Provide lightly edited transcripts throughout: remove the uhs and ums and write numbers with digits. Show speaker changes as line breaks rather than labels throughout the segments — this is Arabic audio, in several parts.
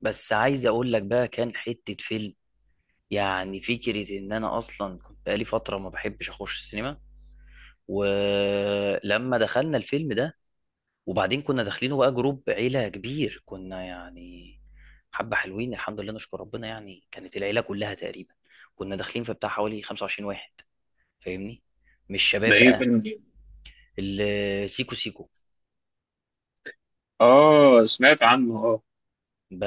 بس عايز اقول لك بقى كان حتة فيلم. يعني فكرة ان انا اصلا كنت بقالي فترة ما بحبش اخش السينما، ولما دخلنا الفيلم ده وبعدين كنا داخلينه بقى جروب عيلة كبير. كنا يعني حبة حلوين الحمد لله نشكر ربنا، يعني كانت العيلة كلها تقريبا. كنا داخلين في بتاع حوالي 25 واحد، فاهمني؟ مش
ده
شباب
ايه
بقى.
فيلم ايه؟
سيكو سيكو،
اه سمعت عنه اه.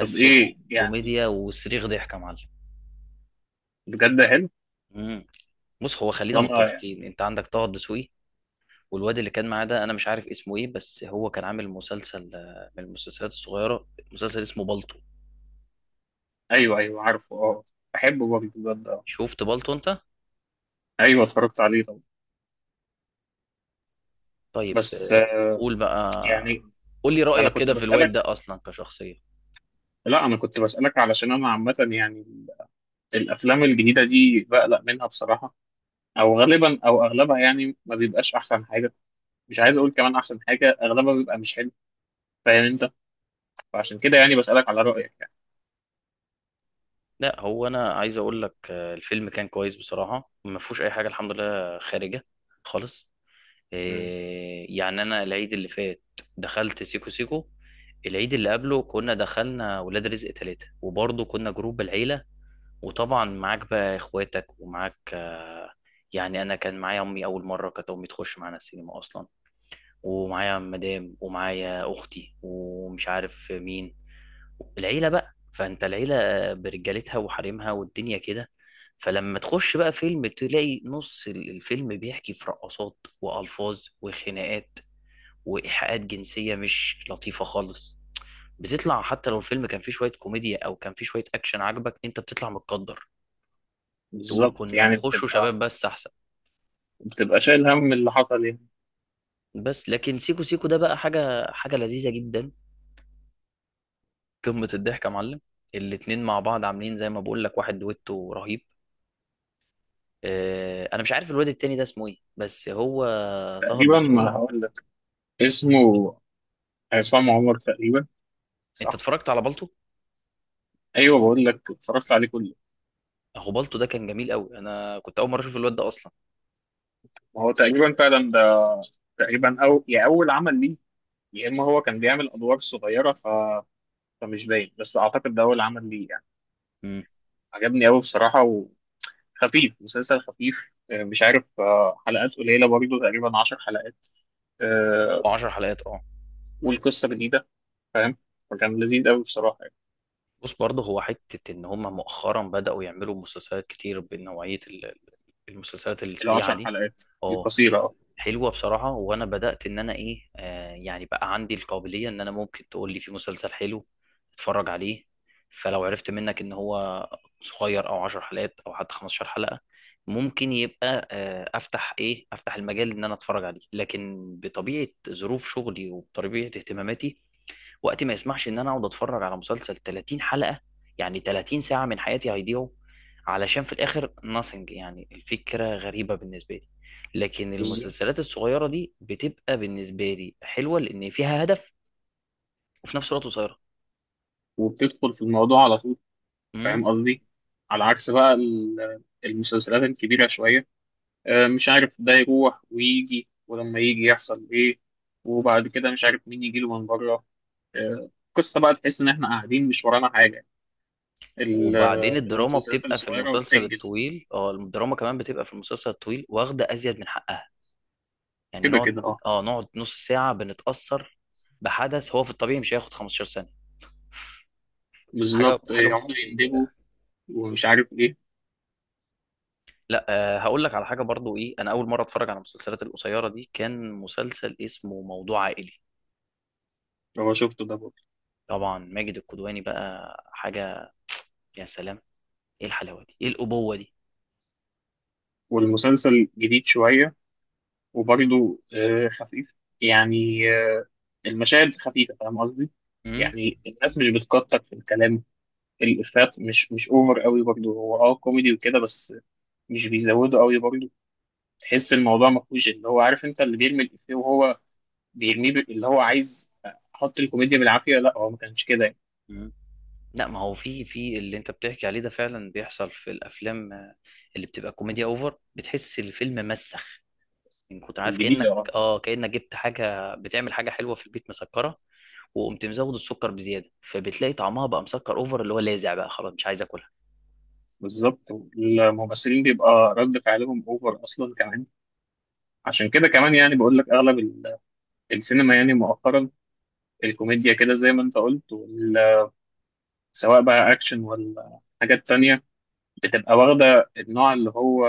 طب ايه يعني،
كوميديا وصريخ ضحك يا معلم.
بجد حلو.
مم. بص، هو خلينا
اصلا اه يعني.
متفقين، انت عندك طه الدسوقي، والواد اللي كان معاه ده انا مش عارف اسمه ايه، بس هو كان عامل مسلسل، من المسلسلات الصغيره، مسلسل اسمه بالطو.
ايوه ايوه عارفه اه. بحبه برضه بجد اه.
شفت بالطو انت؟
ايوه اتفرجت عليه طبعا.
طيب
بس
قول بقى،
يعني،
قول لي
انا
رايك
كنت
كده في الواد
بسألك.
ده اصلا كشخصيه.
لا انا كنت بسألك علشان انا عامة يعني الافلام الجديدة دي بقلق منها بصراحة، او غالبا او اغلبها يعني ما بيبقاش احسن حاجة. مش عايز اقول كمان احسن حاجة، اغلبها بيبقى مش حلو، فاهم انت؟ فعشان كده يعني بسألك على رأيك يعني.
لا، هو انا عايز اقول لك الفيلم كان كويس بصراحه، ما فيهوش اي حاجه الحمد لله، خارجه خالص.
مم.
يعني انا العيد اللي فات دخلت سيكو سيكو. العيد اللي قبله كنا دخلنا ولاد رزق ثلاثة، وبرضه كنا جروب العيلة. وطبعا معاك بقى اخواتك ومعاك، يعني انا كان معايا امي، اول مره كانت امي تخش معانا السينما اصلا، ومعايا مدام ومعايا اختي ومش عارف مين، العيله بقى. فانت العيله برجالتها وحريمها والدنيا كده، فلما تخش بقى فيلم تلاقي نص الفيلم بيحكي في رقصات والفاظ وخناقات وايحاءات جنسيه مش لطيفه خالص. بتطلع حتى لو الفيلم كان فيه شويه كوميديا او كان فيه شويه اكشن عجبك، انت بتطلع متقدر تقول
بالظبط،
كنا
يعني
نخشه
بتبقى،
شباب بس احسن.
بتبقى شايل هم اللي حصل يعني.
بس لكن سيكو سيكو ده بقى حاجة حاجة لذيذة جدا، قمة الضحك يا معلم. الاتنين مع بعض عاملين زي ما بقول لك، واحد دويتو رهيب. اه، انا مش عارف الواد التاني ده اسمه ايه، بس هو طه
تقريبا
الدسوقي.
هقول لك اسمه عصام عمر تقريبا،
انت
صح.
اتفرجت على بالطو؟
ايوه بقول لك اتفرجت عليه كله.
اخو بالطو ده كان جميل قوي، انا كنت اول مرة اشوف الواد ده اصلا.
هو تقريبا فعلا ده، تقريبا او يا اول عمل ليه، يا اما هو كان بيعمل ادوار صغيره فمش باين، بس اعتقد ده اول عمل ليه يعني.
امم
عجبني قوي بصراحه، وخفيف، مسلسل خفيف مش عارف، حلقات قليله برضه، تقريبا 10 حلقات
هو
آه،
10 حلقات اه.
والقصه جديده، فاهم؟ فكان لذيذ قوي بصراحه يعني.
بص برضه هو حتة ان هم مؤخرا بدأوا يعملوا مسلسلات كتير بنوعية المسلسلات السريعة
العشر
دي.
حلقات
اه
القصيره اه.
حلوه بصراحه، وانا بدات ان انا ايه يعني بقى عندي القابليه ان انا ممكن تقول لي في مسلسل حلو اتفرج عليه. فلو عرفت منك ان هو صغير او 10 حلقات او حتى 15 حلقه، ممكن يبقى افتح ايه افتح المجال ان انا اتفرج عليه. لكن بطبيعه ظروف شغلي وبطبيعه اهتماماتي، وقتي ما يسمحش ان انا اقعد اتفرج على مسلسل 30 حلقة، يعني 30 ساعة من حياتي هيضيعوا علشان في الاخر nothing. يعني الفكرة غريبة بالنسبة لي. لكن
بالظبط،
المسلسلات الصغيرة دي بتبقى بالنسبة لي حلوة لان فيها هدف، وفي نفس الوقت قصيرة.
وبتدخل في الموضوع على طول،
امم.
فاهم قصدي؟ على عكس بقى المسلسلات الكبيرة شوية، مش عارف، ده يروح ويجي ولما يجي يحصل إيه، وبعد كده مش عارف مين يجيله من بره، قصة بقى تحس إن إحنا قاعدين مش ورانا حاجة.
وبعدين الدراما
المسلسلات
بتبقى في
الصغيرة
المسلسل
بتنجز،
الطويل. اه الدراما كمان بتبقى في المسلسل الطويل واخدة ازيد من حقها. يعني
كده
نقعد،
كده أه.
اه نقعد نص ساعة بنتأثر بحدث هو في الطبيعي مش هياخد 15 ثانية. حاجه
بالظبط
حاجه
يقعدوا
مستفزه.
يندبوا ومش عارف إيه.
لا هقول لك على حاجه برضو ايه، انا اول مره اتفرج على المسلسلات القصيره دي كان مسلسل اسمه موضوع عائلي.
هو شفته ده برضه،
طبعا ماجد الكدواني بقى حاجه. يا سلام! ايه الحلاوه دي، ايه الابوه دي!
والمسلسل جديد شوية، وبرضه خفيف، يعني المشاهد خفيفة، فاهم قصدي؟
امم
يعني الناس مش بتكتر في الكلام، الإفيهات مش أوفر قوي برضه، هو أه كوميدي وكده بس، مش بيزودوا قوي برضه. تحس الموضوع ما فيهوش اللي هو، عارف أنت، اللي بيرمي الإفيه وهو بيرميه اللي هو عايز أحط الكوميديا بالعافية، لا هو ما كانش كده يعني.
مم. لا، ما هو في في اللي انت بتحكي عليه ده فعلا بيحصل في الافلام، اللي بتبقى كوميديا اوفر بتحس الفيلم مسخ. ان كنت عارف،
الجديد
كانك
أه.
اه كانك جبت حاجه بتعمل حاجه حلوه في البيت مسكره، وقمت مزود السكر بزياده، فبتلاقي طعمها بقى مسكر اوفر اللي هو لاذع، بقى خلاص مش عايز اكلها.
بالظبط، الممثلين بيبقى رد فعلهم أوفر أصلا كمان. عشان كده كمان يعني بقول لك أغلب السينما يعني مؤخرا، الكوميديا كده زي ما انت قلت، سواء بقى اكشن ولا حاجات تانية، بتبقى واخدة النوع اللي هو،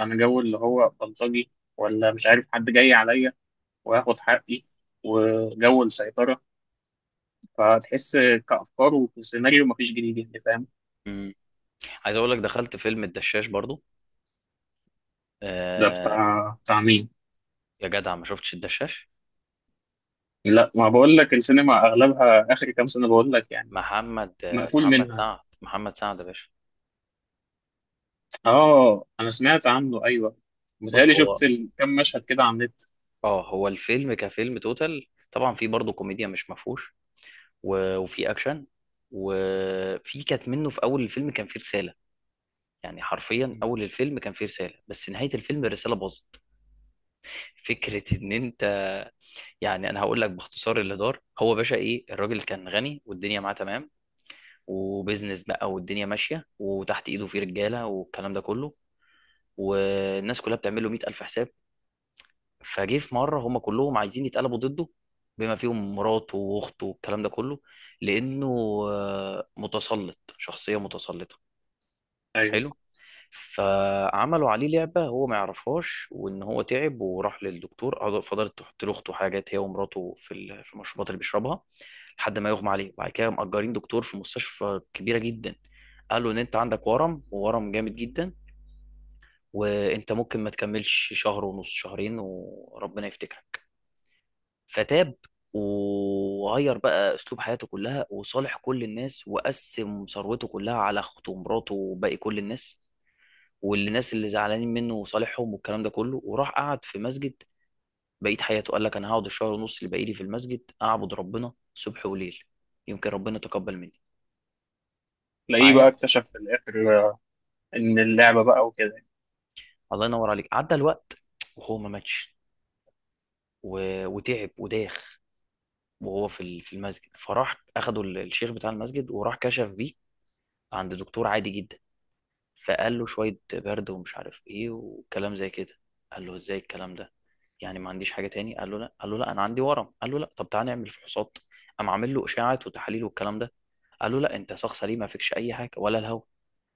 انا جو اللي هو بلطجي، ولا مش عارف حد جاي عليا وهاخد حقي وجو السيطرة. فتحس كأفكار وكسيناريو مفيش جديد يعني، فاهم؟
إمم. عايز اقول لك دخلت فيلم الدشاش برضو.
ده
آه
بتاع مين؟
يا جدع، ما شفتش الدشاش؟
لا ما بقول لك السينما اغلبها اخر كام سنة بقول لك يعني،
محمد
مقفول
محمد
منها.
سعد، محمد سعد يا باشا.
اه انا سمعت عنه ايوه،
بص
متهيألي
هو،
شفت كام مشهد كده على النت.
اه هو الفيلم كفيلم توتال طبعا في برضو كوميديا مش مفهوش، وفي اكشن، وفي كانت منه في اول الفيلم كان فيه رسالة. يعني حرفيا اول الفيلم كان فيه رسالة، بس نهاية الفيلم الرسالة باظت. فكرة ان انت، يعني انا هقول لك باختصار اللي دار. هو باشا ايه، الراجل كان غني والدنيا معاه تمام، وبيزنس بقى والدنيا ماشيه وتحت ايده في رجاله والكلام ده كله، والناس كلها بتعمل له 100000 حساب. فجه في مره هم كلهم عايزين يتقلبوا ضده، بما فيهم مراته واخته والكلام ده كله، لانه متسلط، شخصيه متسلطه. حلو.
ايوه،
فعملوا عليه لعبة هو ما يعرفهاش، وإن هو تعب وراح للدكتور، فضلت تحط له أخته حاجات هي ومراته في في المشروبات اللي بيشربها لحد ما يغمى عليه. بعد كده مأجرين دكتور في مستشفى كبيرة جدا، قالوا إن أنت عندك ورم، وورم جامد جدا، وأنت ممكن ما تكملش شهر ونص، شهرين وربنا يفتكرك. فتاب، وغير بقى أسلوب حياته كلها وصالح كل الناس، وقسم ثروته كلها على أخته ومراته وباقي كل الناس، والناس اللي زعلانين منه وصالحهم والكلام ده كله، وراح قعد في مسجد بقيت حياته. قال لك انا هقعد الشهر ونص اللي باقي لي في المسجد اعبد ربنا صبح وليل، يمكن ربنا يتقبل مني.
تلاقيه بقى
معايا.
اكتشف في الاخر ان اللعبه بقى وكده.
الله ينور عليك. عدى الوقت وهو ما ماتش، وتعب وداخ، وهو في في المسجد، فراح اخده الشيخ بتاع المسجد، وراح كشف بيه عند دكتور عادي جدا. فقال له شوية برد ومش عارف ايه وكلام زي كده. قال له ازاي الكلام ده، يعني ما عنديش حاجة تاني؟ قال له لا. قال له لا انا عندي ورم. قال له لا، طب تعالى نعمل فحوصات. قام عامل له اشاعات وتحاليل والكلام ده، قال له لا انت شخص سليم ما فيكش اي حاجة ولا الهوا.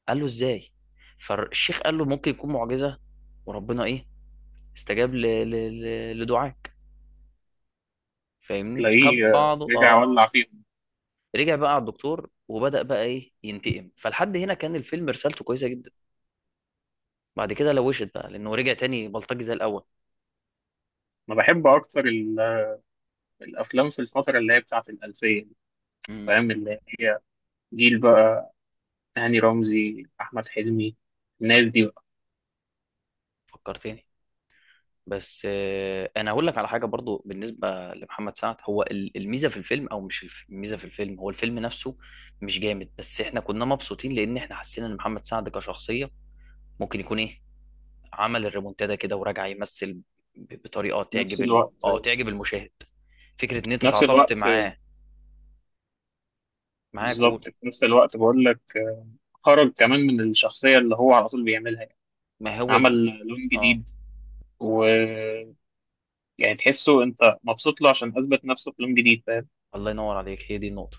قال له ازاي؟ فالشيخ قال له ممكن يكون معجزة، وربنا ايه استجاب ل... لدعاك، فاهمني؟ خد
تلاقيه
بعضه
رجع
اه.
ولع فيهم.
رجع بقى على الدكتور وبدأ بقى ايه ينتقم، فلحد هنا كان الفيلم رسالته كويسة جدا. بعد كده لوشت بقى لانه رجع تاني بلطجي زي الاول.
انا بحب اكتر الافلام في الفتره اللي هي بتاعه الالفيه دي،
مم.
فاهم، اللي هي جيل بقى، هاني رمزي، احمد حلمي، الناس دي بقى.
فكرتني. بس انا هقول لك على حاجه برضو بالنسبه لمحمد سعد، هو الميزه في الفيلم، او مش الميزه في الفيلم هو الفيلم نفسه مش جامد، بس احنا كنا مبسوطين لان احنا حسينا ان محمد سعد كشخصيه ممكن يكون ايه، عمل الريمونتادا كده وراجع يمثل بطريقه
في نفس
تعجب ال...
الوقت،
اه
في
تعجب المشاهد. فكره ان انت
نفس
تعاطفت
الوقت
معاه. معاه،
بالظبط
قول.
في نفس الوقت بقول لك خرج كمان من الشخصيه اللي هو على طول بيعملها يعني.
ما هو دي.
عمل لون
اه.
جديد، و، يعني تحسه انت مبسوط له عشان اثبت نفسه في لون جديد، فاهم؟
الله ينور عليك، هي دي النقطه.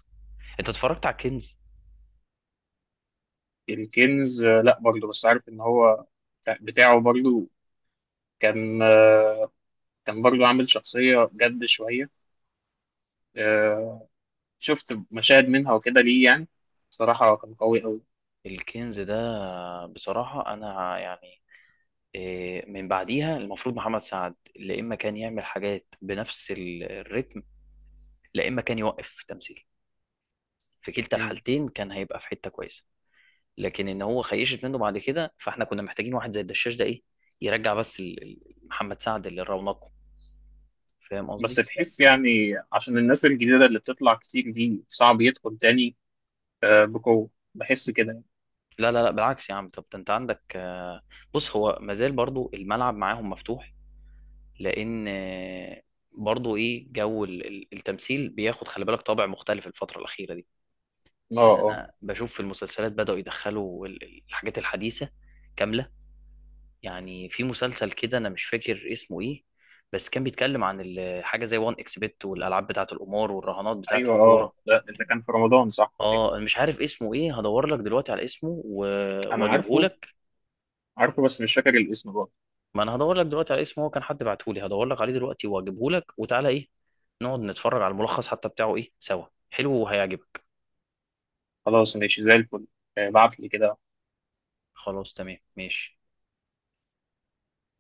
انت اتفرجت على الكنز؟
الكنز لا برضه، بس عارف ان هو بتاعه برضه، كان كان برضو عامل شخصية جد شوية آه، شفت مشاهد منها وكده ليه يعني، صراحة كان قوي أوي.
الكنز ده بصراحه انا يعني إيه، من بعديها المفروض محمد سعد لا اما كان يعمل حاجات بنفس الريتم، لا اما كان يوقف في التمثيل. في كلتا
مم.
الحالتين كان هيبقى في حته كويسه. لكن ان هو خيشت منه بعد كده، فاحنا كنا محتاجين واحد زي الدشاش ده ايه، يرجع بس محمد سعد اللي رونقه. فاهم
بس
قصدي؟
تحس يعني عشان الناس الجديدة اللي بتطلع كتير دي صعب يدخل تاني بقوة، بحس كده يعني.
لا لا لا، بالعكس يا عم، طب ده انت عندك بص هو مازال برضو الملعب معاهم مفتوح، لان برضو ايه جو التمثيل بياخد، خلي بالك، طابع مختلف الفتره الاخيره دي.
اه
يعني
اه.
انا بشوف في المسلسلات بدأوا يدخلوا الحاجات الحديثة كاملة. يعني في مسلسل كده انا مش فاكر اسمه ايه، بس كان بيتكلم عن حاجة زي وان اكس بت، والالعاب بتاعة القمار والرهانات بتاعة
ايوه
الكورة.
اه، ده اللي كان في رمضان صح، أيوة.
اه أنا مش عارف اسمه ايه، هدور لك دلوقتي على اسمه
انا
واجيبه
عارفه،
لك.
عارفه بس مش فاكر الاسم برضه.
ما انا هدور لك دلوقتي على اسمه، هو كان حد بعته لي، هدور لك عليه دلوقتي واجيبه لك، وتعالى ايه نقعد نتفرج على الملخص حتى بتاعه ايه سوا، حلو وهيعجبك.
خلاص ماشي زي الفل، بعتلي كده.
خلاص تمام ماشي.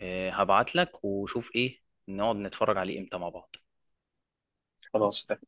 هبعت لك وشوف ايه نقعد نتفرج عليه امتى مع بعض.
خلاص